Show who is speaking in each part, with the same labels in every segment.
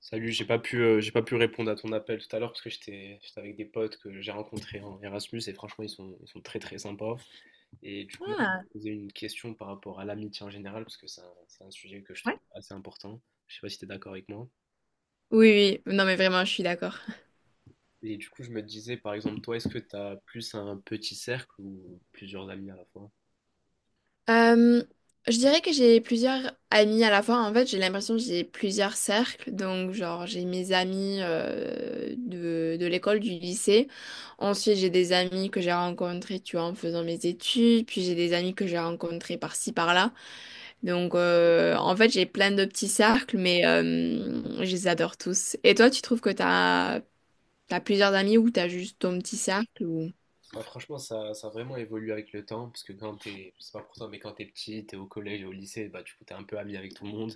Speaker 1: Salut, j'ai pas pu répondre à ton appel tout à l'heure parce que j'étais avec des potes que j'ai rencontrés en Erasmus, et franchement ils sont très très sympas. Et du coup, même, je
Speaker 2: Ah,
Speaker 1: me posais une question par rapport à l'amitié en général, parce que c'est un sujet que je
Speaker 2: ouais.
Speaker 1: trouve assez important. Je sais pas si tu es d'accord avec moi.
Speaker 2: Oui, oui, non mais vraiment, je suis d'accord.
Speaker 1: Et du coup, je me disais par exemple, toi, est-ce que tu as plus un petit cercle ou plusieurs amis à la fois?
Speaker 2: Euh, je dirais que j'ai plusieurs amis à la fois. En fait, j'ai l'impression que j'ai plusieurs cercles. Donc, genre, j'ai mes amis de l'école, du lycée. Ensuite, j'ai des amis que j'ai rencontrés, tu vois, en faisant mes études. Puis, j'ai des amis que j'ai rencontrés par-ci, par-là. Donc, en fait, j'ai plein de petits cercles, mais je les adore tous. Et toi, tu trouves que t'as plusieurs amis ou t'as juste ton petit cercle ou
Speaker 1: Bah, franchement, ça a vraiment évolué avec le temps, parce que quand t'es, je sais pas pour toi, mais quand t'es petit, t'es au collège et au lycée, bah du coup t'es un peu ami avec tout le monde,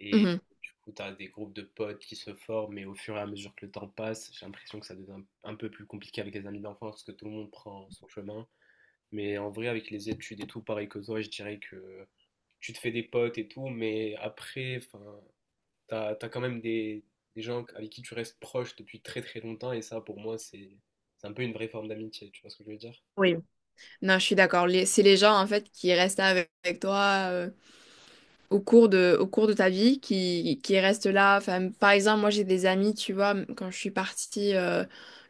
Speaker 1: et
Speaker 2: Mhm.
Speaker 1: du coup t'as des groupes de potes qui se forment, mais au fur et à mesure que le temps passe, j'ai l'impression que ça devient un peu plus compliqué avec les amis d'enfance, parce que tout le monde prend son chemin. Mais en vrai, avec les études et tout, pareil que toi, je dirais que tu te fais des potes et tout, mais après, enfin, t'as quand même des gens avec qui tu restes proche depuis très très longtemps, et ça, pour moi, c'est un peu une vraie forme d'amitié, tu vois ce que je veux dire?
Speaker 2: Non, je suis d'accord. C'est les gens, en fait, qui restent avec toi, euh, au au cours de ta vie qui reste là. Enfin, par exemple, moi j'ai des amis, tu vois, quand je suis partie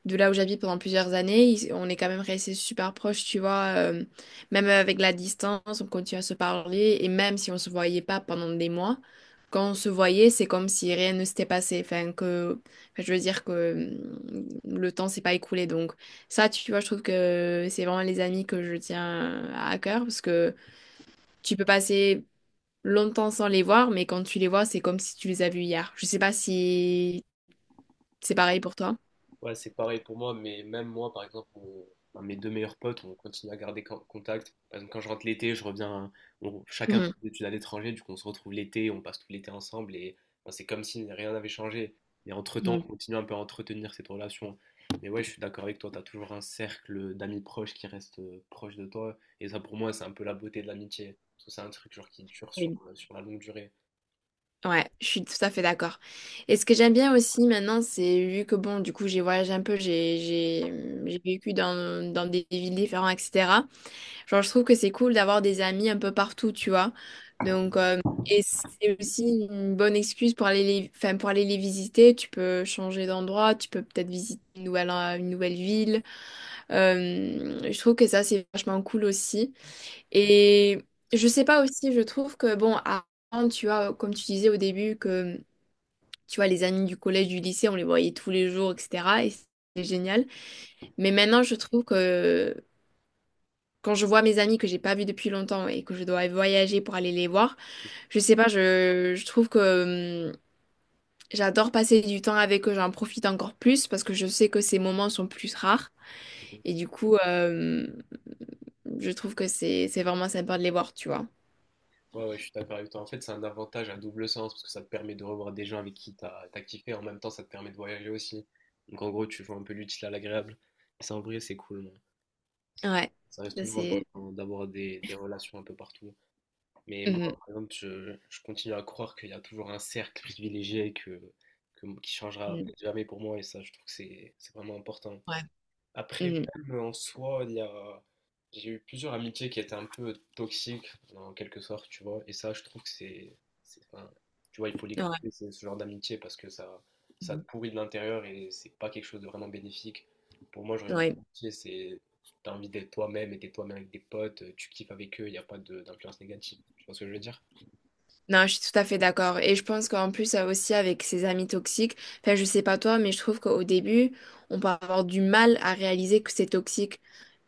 Speaker 2: de là où j'habite pendant plusieurs années, on est quand même restés super proches, tu vois, même avec la distance, on continue à se parler et même si on se voyait pas pendant des mois, quand on se voyait, c'est comme si rien ne s'était passé. Enfin, je veux dire que hum, le temps s'est pas écoulé. Donc ça, tu vois, je trouve que c'est vraiment les amis que je tiens à cœur parce que tu peux passer longtemps sans les voir, mais quand tu les vois, c'est comme si tu les as vus hier. Je sais pas si c'est pareil pour toi.
Speaker 1: Ouais, c'est pareil pour moi, mais même moi, par exemple, un de mes deux meilleurs potes, on continue à garder contact. Par exemple, quand je rentre l'été, je reviens, chacun fait
Speaker 2: Mhm.
Speaker 1: des études à l'étranger, du coup, on se retrouve l'été, on passe tout l'été ensemble, et enfin, c'est comme si rien n'avait changé. Mais entre-temps, on
Speaker 2: Mhm.
Speaker 1: continue un peu à entretenir cette relation. Mais ouais, je suis d'accord avec toi, t'as toujours un cercle d'amis proches qui reste proche de toi, et ça, pour moi, c'est un peu la beauté de l'amitié, parce que c'est un truc genre qui dure
Speaker 2: Oui.
Speaker 1: sur la longue durée.
Speaker 2: Ouais, je suis tout à fait d'accord. Et ce que j'aime bien aussi maintenant, c'est vu que bon, du coup, j'ai voyagé un peu, j'ai j'ai vécu dans des villes différentes, etc. Genre, je trouve que c'est cool d'avoir des amis un peu partout, tu vois. Donc, et c'est aussi une bonne excuse pour aller enfin, pour aller les visiter. Tu peux changer d'endroit, tu peux peut-être visiter une une nouvelle ville. Je trouve que ça, c'est vachement cool aussi. Et je sais pas aussi, je trouve que, bon, avant, tu vois, comme tu disais au début, tu vois, les amis du collège, du lycée, on les voyait tous les jours, etc. Et c'est génial. Mais maintenant, je trouve que quand je vois mes amis que j'ai pas vus depuis longtemps et que je dois voyager pour aller les voir, je sais pas, je trouve que j'adore passer du temps avec eux, j'en profite encore plus parce que je sais que ces moments sont plus rares. Et du coup, je trouve que c'est vraiment sympa de les voir, tu vois.
Speaker 1: Ouais, ouais, je suis d'accord avec toi. En fait, c'est un avantage à double sens parce que ça te permet de revoir des gens avec qui t'as kiffé. En même temps, ça te permet de voyager aussi. Donc, en gros, tu vois, un peu l'utile à l'agréable. Et ça, en vrai, c'est cool, hein.
Speaker 2: Ouais,
Speaker 1: Ça reste
Speaker 2: ça
Speaker 1: toujours
Speaker 2: c'est.
Speaker 1: important d'avoir des relations un peu partout. Mais moi,
Speaker 2: Mhm,
Speaker 1: par exemple, je continue à croire qu'il y a toujours un cercle privilégié qui changera
Speaker 2: mhm.
Speaker 1: peut-être jamais pour moi. Et ça, je trouve que c'est vraiment important.
Speaker 2: Ouais,
Speaker 1: Après,
Speaker 2: mhm,
Speaker 1: même en soi, j'ai eu plusieurs amitiés qui étaient un peu toxiques, en quelque sorte, tu vois. Et ça, je trouve que enfin, tu vois, il faut les
Speaker 2: ouais,
Speaker 1: couper, c'est ce genre d'amitié, parce que ça te
Speaker 2: mhm.
Speaker 1: pourrit de l'intérieur et c'est pas quelque chose de vraiment bénéfique. Pour moi, genre, une vraie
Speaker 2: Ouais.
Speaker 1: amitié, t'as envie d'être toi-même et t'es toi-même avec des potes, tu kiffes avec eux, il n'y a pas d'influence négative. Tu vois ce que je veux dire?
Speaker 2: Non, je suis tout à fait d'accord. Et je pense qu'en plus, aussi avec ses amis toxiques, enfin, je sais pas toi, mais je trouve qu'au début, on peut avoir du mal à réaliser que c'est toxique,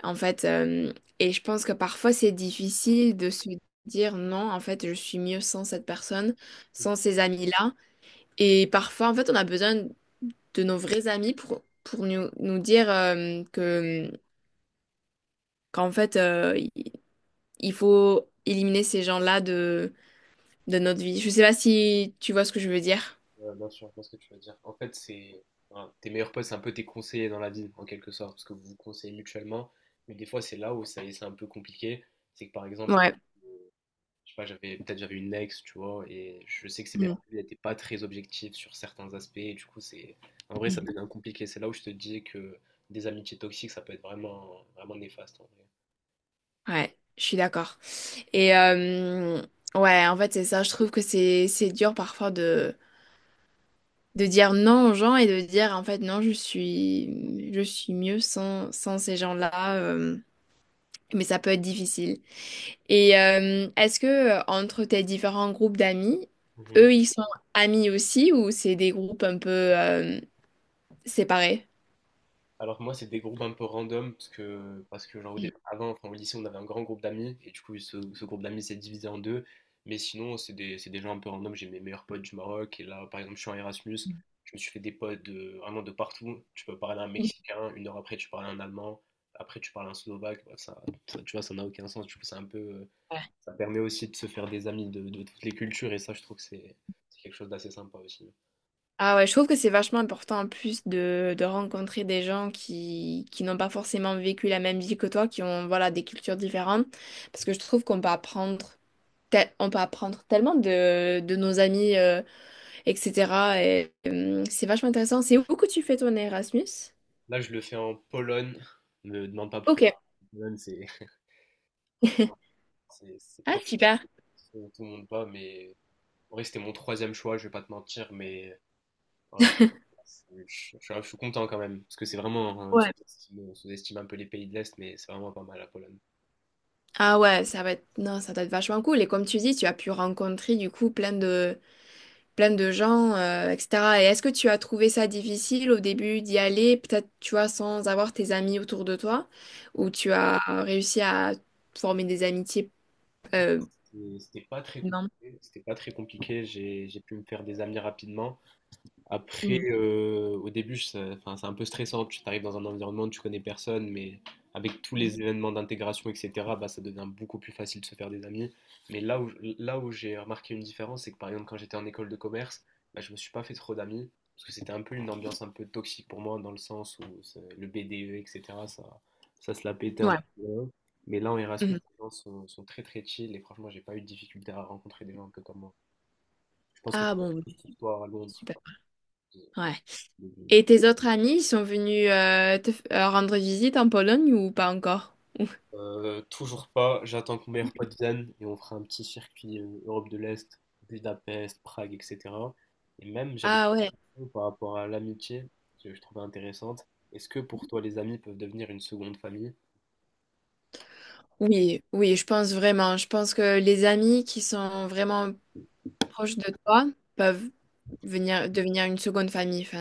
Speaker 2: en fait. Et je pense que parfois, c'est difficile de se dire non, en fait, je suis mieux sans cette personne, sans ces amis-là. Et parfois, en fait, on a besoin de nos vrais amis pour nous dire qu'en fait, il faut éliminer ces gens-là de notre vie. Je sais pas si tu vois ce que je veux dire.
Speaker 1: Ouais, bien sûr, je vois ce que tu veux dire. En fait, c'est voilà, tes meilleurs potes, c'est un peu tes conseillers dans la vie, en quelque sorte, parce que vous vous conseillez mutuellement. Mais des fois, c'est là où ça, c'est un peu compliqué. C'est que par exemple,
Speaker 2: Ouais.
Speaker 1: je sais pas, j'avais une ex, tu vois, et je sais que ses meilleurs
Speaker 2: Mm.
Speaker 1: amis n'étaient pas très objectifs sur certains aspects. Et du coup, c'est en vrai, ça
Speaker 2: Mm.
Speaker 1: devient compliqué. C'est là où je te dis que des amitiés toxiques, ça peut être vraiment, vraiment néfaste en
Speaker 2: Ouais, je suis d'accord. Et ouais, en fait, c'est ça. Je trouve que c'est dur parfois de dire non aux gens et de dire en fait non, je suis mieux sans ces gens-là. Mais ça peut être difficile. Et est-ce que entre tes différents groupes d'amis,
Speaker 1: vrai.
Speaker 2: eux, ils sont amis aussi ou c'est des groupes un peu séparés?
Speaker 1: Alors que moi, c'est des groupes un peu random, parce que genre,
Speaker 2: Mm.
Speaker 1: avant, enfin, au lycée, on avait un grand groupe d'amis, et du coup, ce groupe d'amis s'est divisé en deux. Mais sinon, c'est des gens un peu random. J'ai mes meilleurs potes du Maroc, et là, par exemple, je suis en Erasmus. Je me suis fait des potes de, vraiment de partout. Tu peux parler à un Mexicain, une heure après, tu parles à un Allemand, après, tu parles à un Slovaque. Bref, ça, tu vois, ça n'a aucun sens. Du coup, c'est un peu,
Speaker 2: Ouais.
Speaker 1: ça permet aussi de se faire des amis de toutes les cultures, et ça, je trouve que c'est quelque chose d'assez sympa aussi.
Speaker 2: Ah ouais, je trouve que c'est vachement important en plus de rencontrer des gens qui n'ont pas forcément vécu la même vie que toi, qui ont voilà, des cultures différentes, parce que je trouve qu'on peut apprendre, on peut apprendre tellement de nos amis, etc. Et, c'est vachement intéressant. C'est où que tu fais ton Erasmus?
Speaker 1: Là, je le fais en Pologne. Ne me demande pas
Speaker 2: Ok.
Speaker 1: pourquoi. Pologne, c'est franchement. C'est
Speaker 2: Ah,
Speaker 1: peut-être
Speaker 2: super.
Speaker 1: où tout le monde pas, mais en vrai, c'était mon troisième choix, je vais pas te mentir, mais voilà, suis content quand même, parce que c'est vraiment, on sous-estime un peu les pays de l'Est, mais c'est vraiment pas mal, la Pologne.
Speaker 2: Ah ouais, ça va être non, ça doit être vachement cool. Et comme tu dis, tu as pu rencontrer du coup plein de gens, etc. Et est-ce que tu as trouvé ça difficile au début d'y aller, peut-être tu vois, sans avoir tes amis autour de toi, ou tu as réussi à former des amitiés euh,
Speaker 1: C'était c'était pas très
Speaker 2: non.
Speaker 1: compliqué, c'était pas très compliqué, j'ai pu me faire des amis rapidement. Après, au début, ça- enfin, c'est un peu stressant. Tu arrives dans un environnement, tu connais personne, mais avec tous
Speaker 2: Mhm.
Speaker 1: les événements d'intégration, etc., bah, ça devient beaucoup plus facile de se faire des amis. Mais là où j'ai remarqué une différence, c'est que par exemple, quand j'étais en école de commerce, bah, je me suis pas fait trop d'amis, parce que c'était un peu une ambiance un peu toxique pour moi, dans le sens où le BDE, etc., ça, ça se la pétait un
Speaker 2: Ouais.
Speaker 1: peu. Mais là, en Erasmus,
Speaker 2: Mhm.
Speaker 1: les gens sont très très chill, et franchement, j'ai pas eu de difficulté à rencontrer des gens un peu comme moi. Je pense que
Speaker 2: Ah
Speaker 1: c'est la
Speaker 2: bon,
Speaker 1: même
Speaker 2: ok.
Speaker 1: chose pour toi à Londres.
Speaker 2: Super. Ouais. Et tes autres amis, ils sont venus rendre visite en Pologne ou pas encore?
Speaker 1: Toujours pas. J'attends que mon meilleur pote vienne et on fera un petit circuit Europe de l'Est, Budapest, Prague, etc. Et même, j'avais
Speaker 2: Ah ouais.
Speaker 1: une question par rapport à l'amitié que je trouvais intéressante. Est-ce que pour toi, les amis peuvent devenir une seconde famille?
Speaker 2: Oui, oui, je pense vraiment. Je pense que les amis qui sont vraiment proches de toi peuvent venir devenir une seconde famille. Enfin,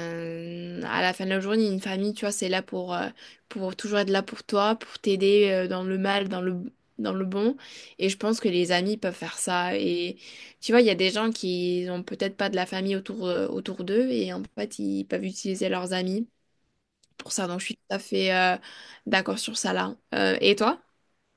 Speaker 2: à la fin de la journée, une famille, tu vois, c'est là pour toujours être là pour toi, pour t'aider dans le mal, dans le bon. Et je pense que les amis peuvent faire ça. Et tu vois, il y a des gens qui ont peut-être pas de la famille autour, autour d'eux et en fait, ils peuvent utiliser leurs amis pour ça. Donc, je suis tout à fait d'accord sur ça là. Et toi?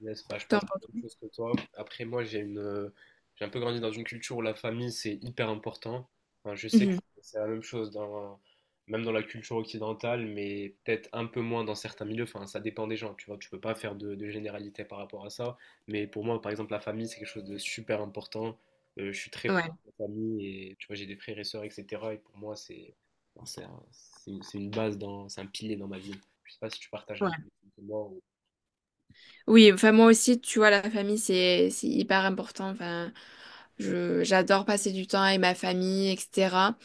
Speaker 1: Yes, bah, je
Speaker 2: T'en
Speaker 1: pense la
Speaker 2: penses-
Speaker 1: même chose que toi. Après, moi, j'ai une, j'ai un peu grandi dans une culture où la famille, c'est hyper important. Enfin, je sais que
Speaker 2: Mhm.
Speaker 1: c'est la même chose dans, même dans la culture occidentale, mais peut-être un peu moins dans certains milieux. Enfin, ça dépend des gens, tu vois. Tu peux pas faire de généralité par rapport à ça. Mais pour moi, par exemple, la famille, c'est quelque chose de super important. Je suis très proche de la famille, et tu vois, j'ai des frères et sœurs, etc. Et pour moi, c'est, enfin, c'est un- c'est une base dans, c'est un pilier dans ma vie. Je sais pas si tu partages la
Speaker 2: Ouais.
Speaker 1: même chose que moi
Speaker 2: Oui, enfin moi aussi, tu vois, la famille, c'est hyper important. Enfin, je j'adore passer du temps avec ma famille, etc.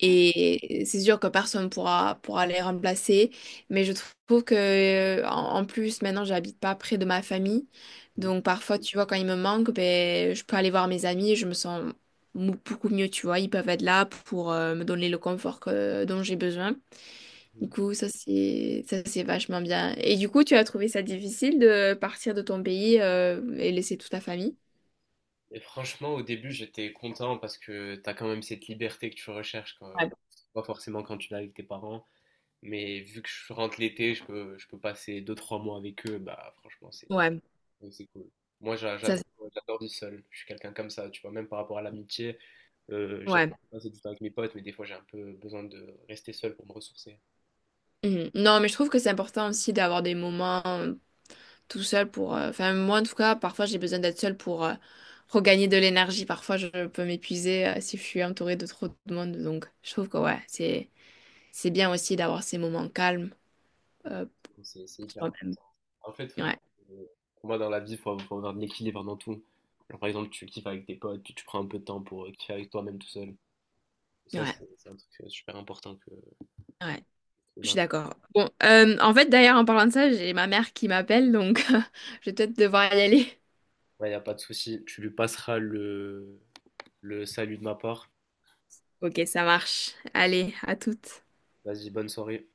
Speaker 2: Et c'est sûr que personne pourra les remplacer, mais je trouve que en plus maintenant, j'habite pas près de ma famille, donc parfois, tu vois, quand ils me manquent, ben je peux aller voir mes amis, et je me sens beaucoup mieux, tu vois, ils peuvent être là pour me donner le confort dont j'ai besoin.
Speaker 1: ou...
Speaker 2: Du coup, ça c'est vachement bien. Et du coup, tu as trouvé ça difficile de partir de ton pays et laisser toute ta famille?
Speaker 1: Et franchement, au début, j'étais content parce que t'as quand même cette liberté que tu recherches quand,
Speaker 2: Ouais,
Speaker 1: pas forcément quand tu l'as avec tes parents, mais vu que je rentre l'été, je peux passer 2-3 mois avec eux, bah franchement,
Speaker 2: ouais,
Speaker 1: c'est cool. Moi, j'a-
Speaker 2: ça,
Speaker 1: j'adore j'adore vivre seul. Je suis quelqu'un comme ça, tu vois, même par rapport à l'amitié, j'aime
Speaker 2: ouais.
Speaker 1: passer du temps avec mes potes, mais des fois, j'ai un peu besoin de rester seul pour me ressourcer.
Speaker 2: Mhm. Non, mais je trouve que c'est important aussi d'avoir des moments tout seul pour. Enfin, moi en tout cas, parfois j'ai besoin d'être seule pour regagner de l'énergie. Parfois, je peux m'épuiser si je suis entourée de trop de monde. Donc, je trouve que ouais, c'est bien aussi d'avoir ces moments calmes euh,
Speaker 1: Exactement, c'est
Speaker 2: pour
Speaker 1: hyper
Speaker 2: soi-même.
Speaker 1: important. En fait, faut juste,
Speaker 2: Ouais,
Speaker 1: euh, pour moi, dans la vie, il faut avoir de l'équilibre dans tout. Genre, par exemple, tu kiffes avec tes potes, puis tu prends un peu de temps pour kiffer avec toi-même tout seul. Ça,
Speaker 2: ouais,
Speaker 1: c'est un truc super important
Speaker 2: ouais.
Speaker 1: que
Speaker 2: Je suis
Speaker 1: d'un-
Speaker 2: d'accord. Bon, en fait, d'ailleurs, en parlant de ça, j'ai ma mère qui m'appelle, donc je vais peut-être devoir y aller.
Speaker 1: Ouais, y a pas de souci. Tu lui passeras le salut de ma part.
Speaker 2: Ok, ça marche. Allez, à toutes.
Speaker 1: Vas-y, bonne soirée.